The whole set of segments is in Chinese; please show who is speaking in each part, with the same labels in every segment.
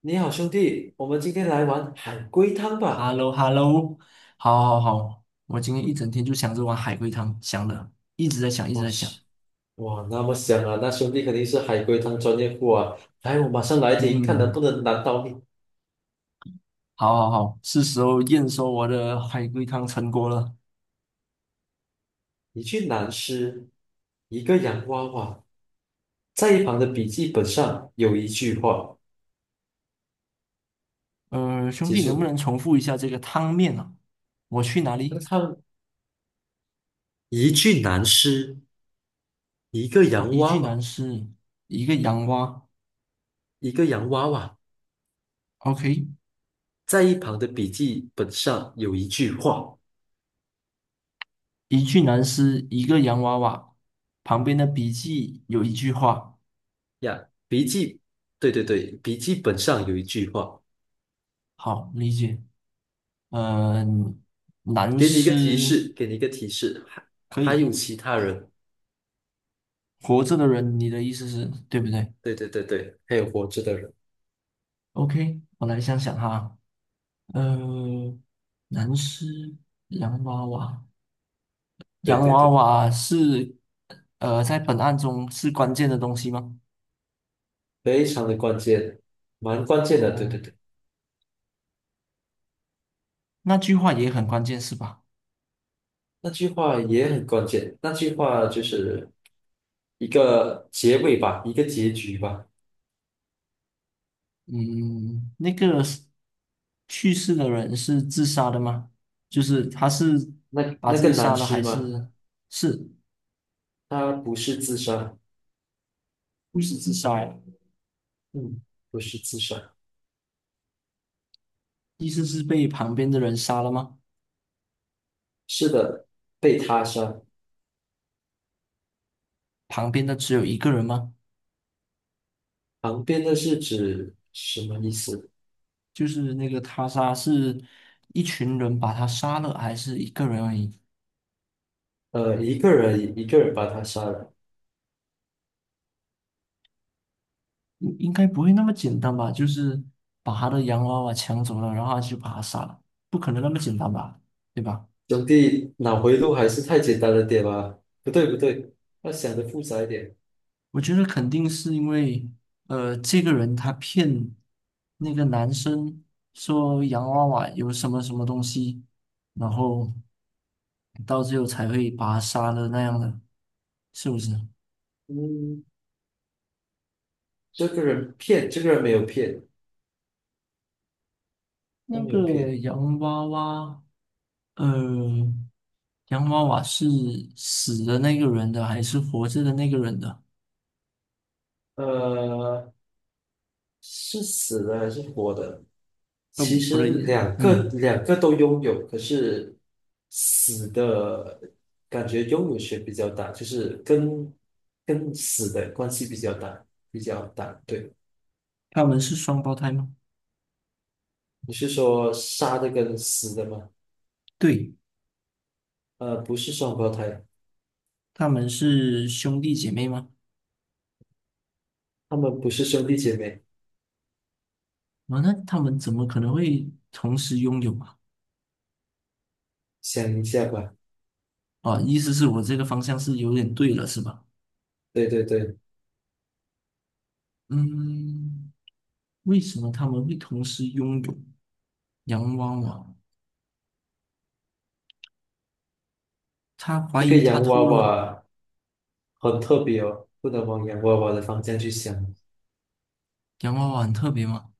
Speaker 1: 你好，兄弟，我们今天来玩海龟汤
Speaker 2: h e
Speaker 1: 吧。
Speaker 2: l l o h e l l o 好，好，好，我今天一整天就想着碗海龟汤，想了，一直在想，一直
Speaker 1: 哇
Speaker 2: 在想。
Speaker 1: 塞，哇，那么香啊！那兄弟肯定是海龟汤专业户啊。来，我马上来听，看能
Speaker 2: 嗯，
Speaker 1: 不能难倒你。
Speaker 2: 好，好，好，是时候验收我的海龟汤成果了。
Speaker 1: 一句男诗，一个洋娃娃，在一旁的笔记本上有一句话，
Speaker 2: 兄
Speaker 1: 记
Speaker 2: 弟，
Speaker 1: 住
Speaker 2: 能不
Speaker 1: 了。
Speaker 2: 能重复一下这个汤面啊？我去哪
Speaker 1: 那
Speaker 2: 里？
Speaker 1: 他一句男诗，一个
Speaker 2: 哦，
Speaker 1: 洋
Speaker 2: 一
Speaker 1: 娃
Speaker 2: 具男
Speaker 1: 娃，
Speaker 2: 尸，一个洋娃。
Speaker 1: 一个洋娃娃，
Speaker 2: OK,
Speaker 1: 在一旁的笔记本上有一句话
Speaker 2: 一具男尸，一个洋娃娃，旁边的笔记有一句话。
Speaker 1: 呀，笔记，对对对，笔记本上有一句话。
Speaker 2: 好，理解。嗯、男
Speaker 1: 给你一个提
Speaker 2: 尸
Speaker 1: 示，还
Speaker 2: 可
Speaker 1: 还
Speaker 2: 以。
Speaker 1: 有其他人，
Speaker 2: 活着的人，你的意思是对不对
Speaker 1: 对对对对，还有活着的人，
Speaker 2: ？OK,我来想想哈，呃，男尸、洋娃娃，
Speaker 1: 对
Speaker 2: 洋
Speaker 1: 对
Speaker 2: 娃
Speaker 1: 对，
Speaker 2: 娃是在本案中是关键的东西吗？
Speaker 1: 非常的关键，蛮关键的，对对
Speaker 2: 哦，
Speaker 1: 对，
Speaker 2: 那句话也很关键是吧？
Speaker 1: 那句话也很关键，那句话就是一个结尾吧，一个结局吧。
Speaker 2: 嗯，那个是去世的人是自杀的吗？就是他是
Speaker 1: 那
Speaker 2: 把
Speaker 1: 那
Speaker 2: 自己
Speaker 1: 个男
Speaker 2: 杀了还
Speaker 1: 尸吗？
Speaker 2: 是是
Speaker 1: 他不是自杀，
Speaker 2: 不是自杀呀？
Speaker 1: 嗯，不是自杀，
Speaker 2: 意思是被旁边的人杀了吗？
Speaker 1: 是的，被他杀。
Speaker 2: 旁边的只有一个人吗？
Speaker 1: 旁边的是指什么意思？
Speaker 2: 就是那个他杀是一群人把他杀了，还是一个人而已？
Speaker 1: 一个人把他杀了。
Speaker 2: 应该不会那么简单吧？就是把他的洋娃娃抢走了，然后他就把他杀了，不可能那么简单吧？对吧？
Speaker 1: 兄弟，脑回路还是太简单了点吧？不对不对，要想的复杂一点。
Speaker 2: 我觉得肯定是因为，这个人他骗那个男生说洋娃娃有什么什么东西，然后到最后才会把他杀了那样的，是不是？
Speaker 1: 嗯，这个人骗，这个人没有骗，他
Speaker 2: 那
Speaker 1: 没有
Speaker 2: 个
Speaker 1: 骗。
Speaker 2: 洋娃娃。呃，洋娃娃是死的那个人的还是活着的那个人的？
Speaker 1: 呃，是死的还是活的？
Speaker 2: 呃，
Speaker 1: 其
Speaker 2: 不
Speaker 1: 实
Speaker 2: 对，嗯，
Speaker 1: 两个都拥有，可是死的感觉拥有权比较大，就是跟死的关系比较大，比较大。对，
Speaker 2: 他们是双胞胎吗？
Speaker 1: 你是说杀的跟死的吗？
Speaker 2: 对，
Speaker 1: 不是双胞胎，
Speaker 2: 他们是兄弟姐妹吗？
Speaker 1: 他们不是兄弟姐妹。
Speaker 2: 啊，那他们怎么可能会同时拥有啊？
Speaker 1: 想一下吧。
Speaker 2: 啊，意思是我这个方向是有点对了，是吧？
Speaker 1: 对对对，
Speaker 2: 嗯，为什么他们会同时拥有洋娃娃？他怀
Speaker 1: 这个
Speaker 2: 疑他
Speaker 1: 洋娃
Speaker 2: 偷了
Speaker 1: 娃很特别哦，不能往洋娃娃的方向去想。
Speaker 2: 洋娃娃很特别吗？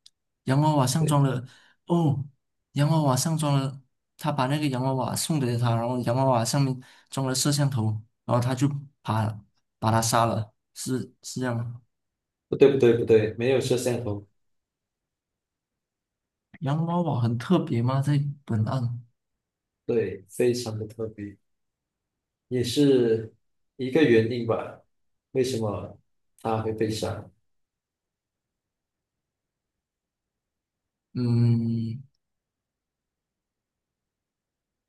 Speaker 2: 洋娃娃上
Speaker 1: 对，
Speaker 2: 装了，哦，洋娃娃上装了，他把那个洋娃娃送给了他，然后洋娃娃上面装了摄像头，然后他就把把他杀了，是这样吗？
Speaker 1: 不对不对不对，没有摄像头。
Speaker 2: 洋娃娃很特别吗？在本案，
Speaker 1: 对，非常的特别，也是一个原因吧。为什么他会被杀？
Speaker 2: 嗯，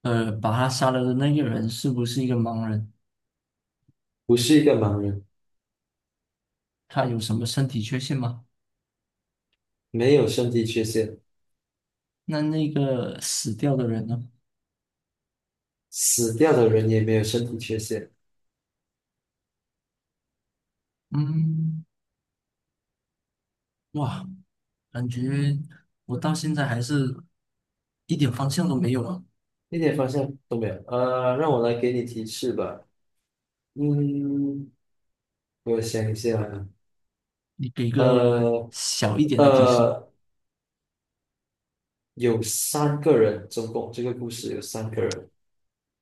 Speaker 2: 把他杀了的那个人是不是一个盲人？
Speaker 1: 不是一个盲人，
Speaker 2: 他有什么身体缺陷吗？
Speaker 1: 没有身体缺陷，
Speaker 2: 那那个死掉的人呢？
Speaker 1: 死掉的人也没有身体缺陷，
Speaker 2: 嗯。哇，感觉我到现在还是一点方向都没有啊！
Speaker 1: 一点方向都没有。让我来给你提示吧。嗯，我想一下啊
Speaker 2: 你给个
Speaker 1: 呃
Speaker 2: 小一点的提示。
Speaker 1: 呃。有三个人，总共这个故事有三个人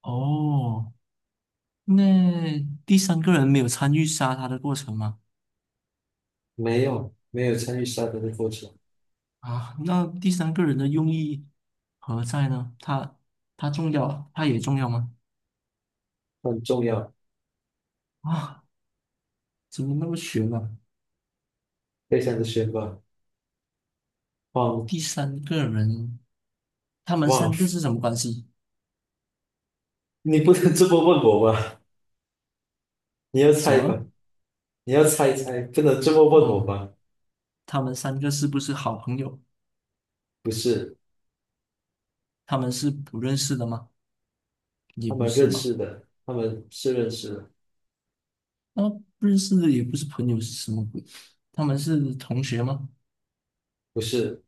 Speaker 2: 哦，那第三个人没有参与杀他的过程吗？
Speaker 1: 没有参与杀人的过程，
Speaker 2: 啊，那第三个人的用意何在呢？他重要，他也重要吗？
Speaker 1: 很重要，
Speaker 2: 啊，怎么那么悬呢、
Speaker 1: 非常的悬吧？忘
Speaker 2: 第三个人，他们
Speaker 1: 忘，
Speaker 2: 三个是什么关系？
Speaker 1: 你不能这么问我吧？你要
Speaker 2: 什
Speaker 1: 猜吧？
Speaker 2: 么？
Speaker 1: 你要猜猜，不能这么问我
Speaker 2: 哦，
Speaker 1: 吧？
Speaker 2: 他们三个是不是好朋友？
Speaker 1: 不是，
Speaker 2: 他们是不认识的吗？也不是吧？
Speaker 1: 他们是认识的，
Speaker 2: 那不认识的也不是朋友是什么鬼？他们是同学吗？
Speaker 1: 不是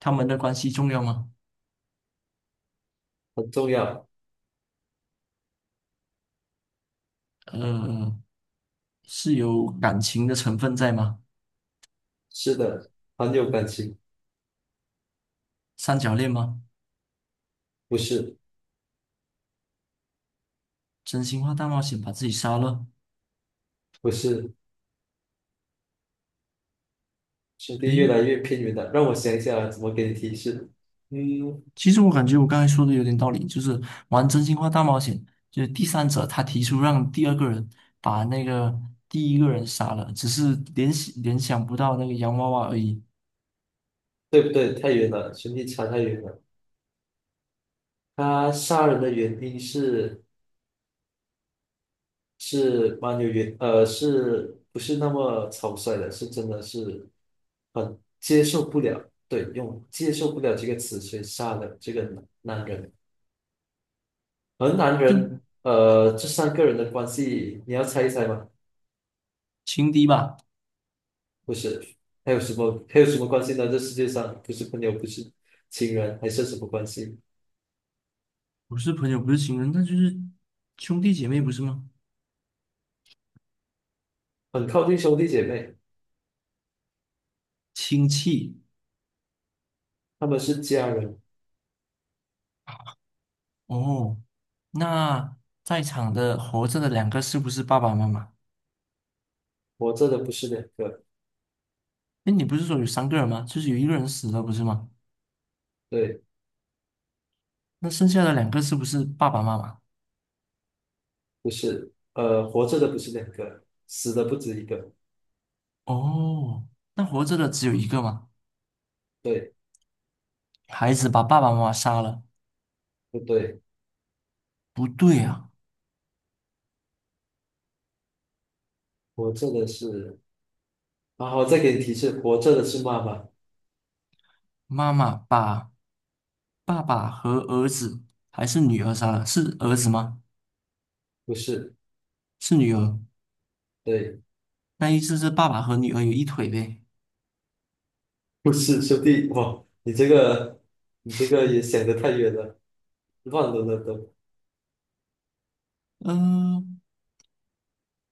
Speaker 2: 他们的关系重要吗？
Speaker 1: 很重要，
Speaker 2: 呃，是有感情的成分在吗？
Speaker 1: 是的，很有感情，
Speaker 2: 三角恋吗？
Speaker 1: 不是，
Speaker 2: 真心话大冒险把自己杀了？
Speaker 1: 不是，兄弟越
Speaker 2: 诶，
Speaker 1: 来越偏远了，让我想一下怎么给你提示，嗯，
Speaker 2: 其实我感觉我刚才说的有点道理，就是玩真心话大冒险，就是第三者他提出让第二个人把那个第一个人杀了，只是联想不到那个洋娃娃而已，
Speaker 1: 对不对？太远了，兄弟差太远了。他杀人的原因是是蛮有原呃，是不是那么草率的？是真的是很接受不了，对，用接受不了这个词去杀了这个男人。而男
Speaker 2: 就
Speaker 1: 人，这三个人的关系，你要猜一猜吗？
Speaker 2: 情敌吧。
Speaker 1: 不是，还有什么关系呢？这世界上不是朋友，不是情人，还是什么关系？
Speaker 2: 不是朋友，不是情人，那就是兄弟姐妹，不是吗？
Speaker 1: 很靠近兄弟姐妹，
Speaker 2: 亲戚
Speaker 1: 他们是家人，
Speaker 2: 哦。那在场的活着的两个是不是爸爸妈妈？
Speaker 1: 活着的不是两个。
Speaker 2: 哎，你不是说有三个人吗？就是有一个人死了，不是吗？
Speaker 1: 对。
Speaker 2: 那剩下的两个是不是爸爸妈妈？
Speaker 1: 不是，活着的不是两个，死的不止一个。
Speaker 2: 哦，那活着的只有一个吗？
Speaker 1: 对，
Speaker 2: 孩子把爸爸妈妈杀了，
Speaker 1: 不对？
Speaker 2: 不对啊，
Speaker 1: 活着的是，然后再给你提示，活着的是妈妈，
Speaker 2: 妈妈把爸爸和儿子还是女儿杀了，是儿子吗？
Speaker 1: 不是，
Speaker 2: 是女儿，
Speaker 1: 对，
Speaker 2: 那意思是爸爸和女儿有一腿呗？
Speaker 1: 不是兄弟。哇，你这个，你这个也想得太远了，乱伦了都。
Speaker 2: 嗯、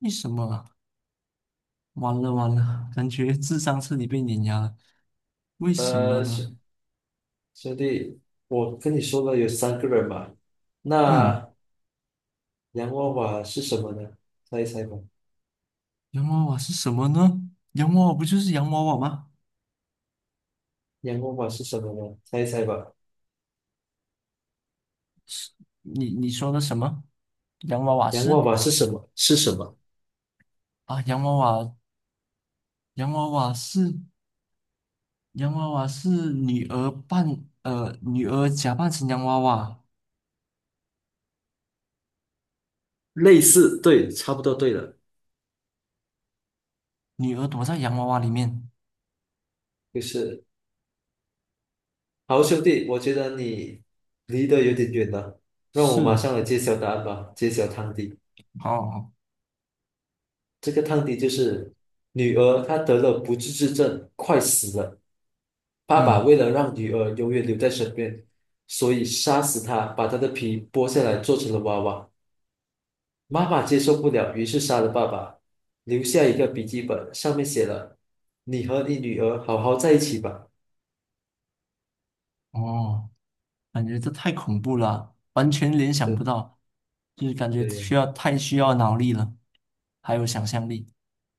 Speaker 2: 为什么啊？完了完了，感觉智商彻底被碾压了。为什么
Speaker 1: 呃，
Speaker 2: 呢？
Speaker 1: 兄兄弟，我跟你说了有三个人嘛，
Speaker 2: 嗯，
Speaker 1: 那洋娃娃是什么呢？猜一猜吧。
Speaker 2: 洋娃娃是什么呢？洋娃娃不就是洋娃娃吗？
Speaker 1: 洋娃娃是什么呢？猜一猜吧。
Speaker 2: 你说的什么？洋娃娃
Speaker 1: 洋娃
Speaker 2: 是
Speaker 1: 娃是什么？是什么？
Speaker 2: 啊，洋娃娃，洋娃娃是洋娃娃是女儿假扮成洋娃娃，
Speaker 1: 类似，对，差不多对了，
Speaker 2: 女儿躲在洋娃娃里面。
Speaker 1: 就是。好，兄弟，我觉得你离得有点远了，让我马
Speaker 2: 是，
Speaker 1: 上来揭晓答案吧，揭晓汤底。
Speaker 2: 哦，好
Speaker 1: 这个汤底就是女儿她得了不治之症，快死了。爸爸
Speaker 2: 嗯，
Speaker 1: 为了让女儿永远留在身边，所以杀死她，把她的皮剥下来做成了娃娃。妈妈接受不了，于是杀了爸爸，留下一个笔记本，上面写了：“你和你女儿好好在一起吧。”
Speaker 2: 哦。感觉这太恐怖了啊，完全联想不
Speaker 1: 对
Speaker 2: 到，就是感觉
Speaker 1: 对呀、
Speaker 2: 需要太需要脑力了，还有想象力。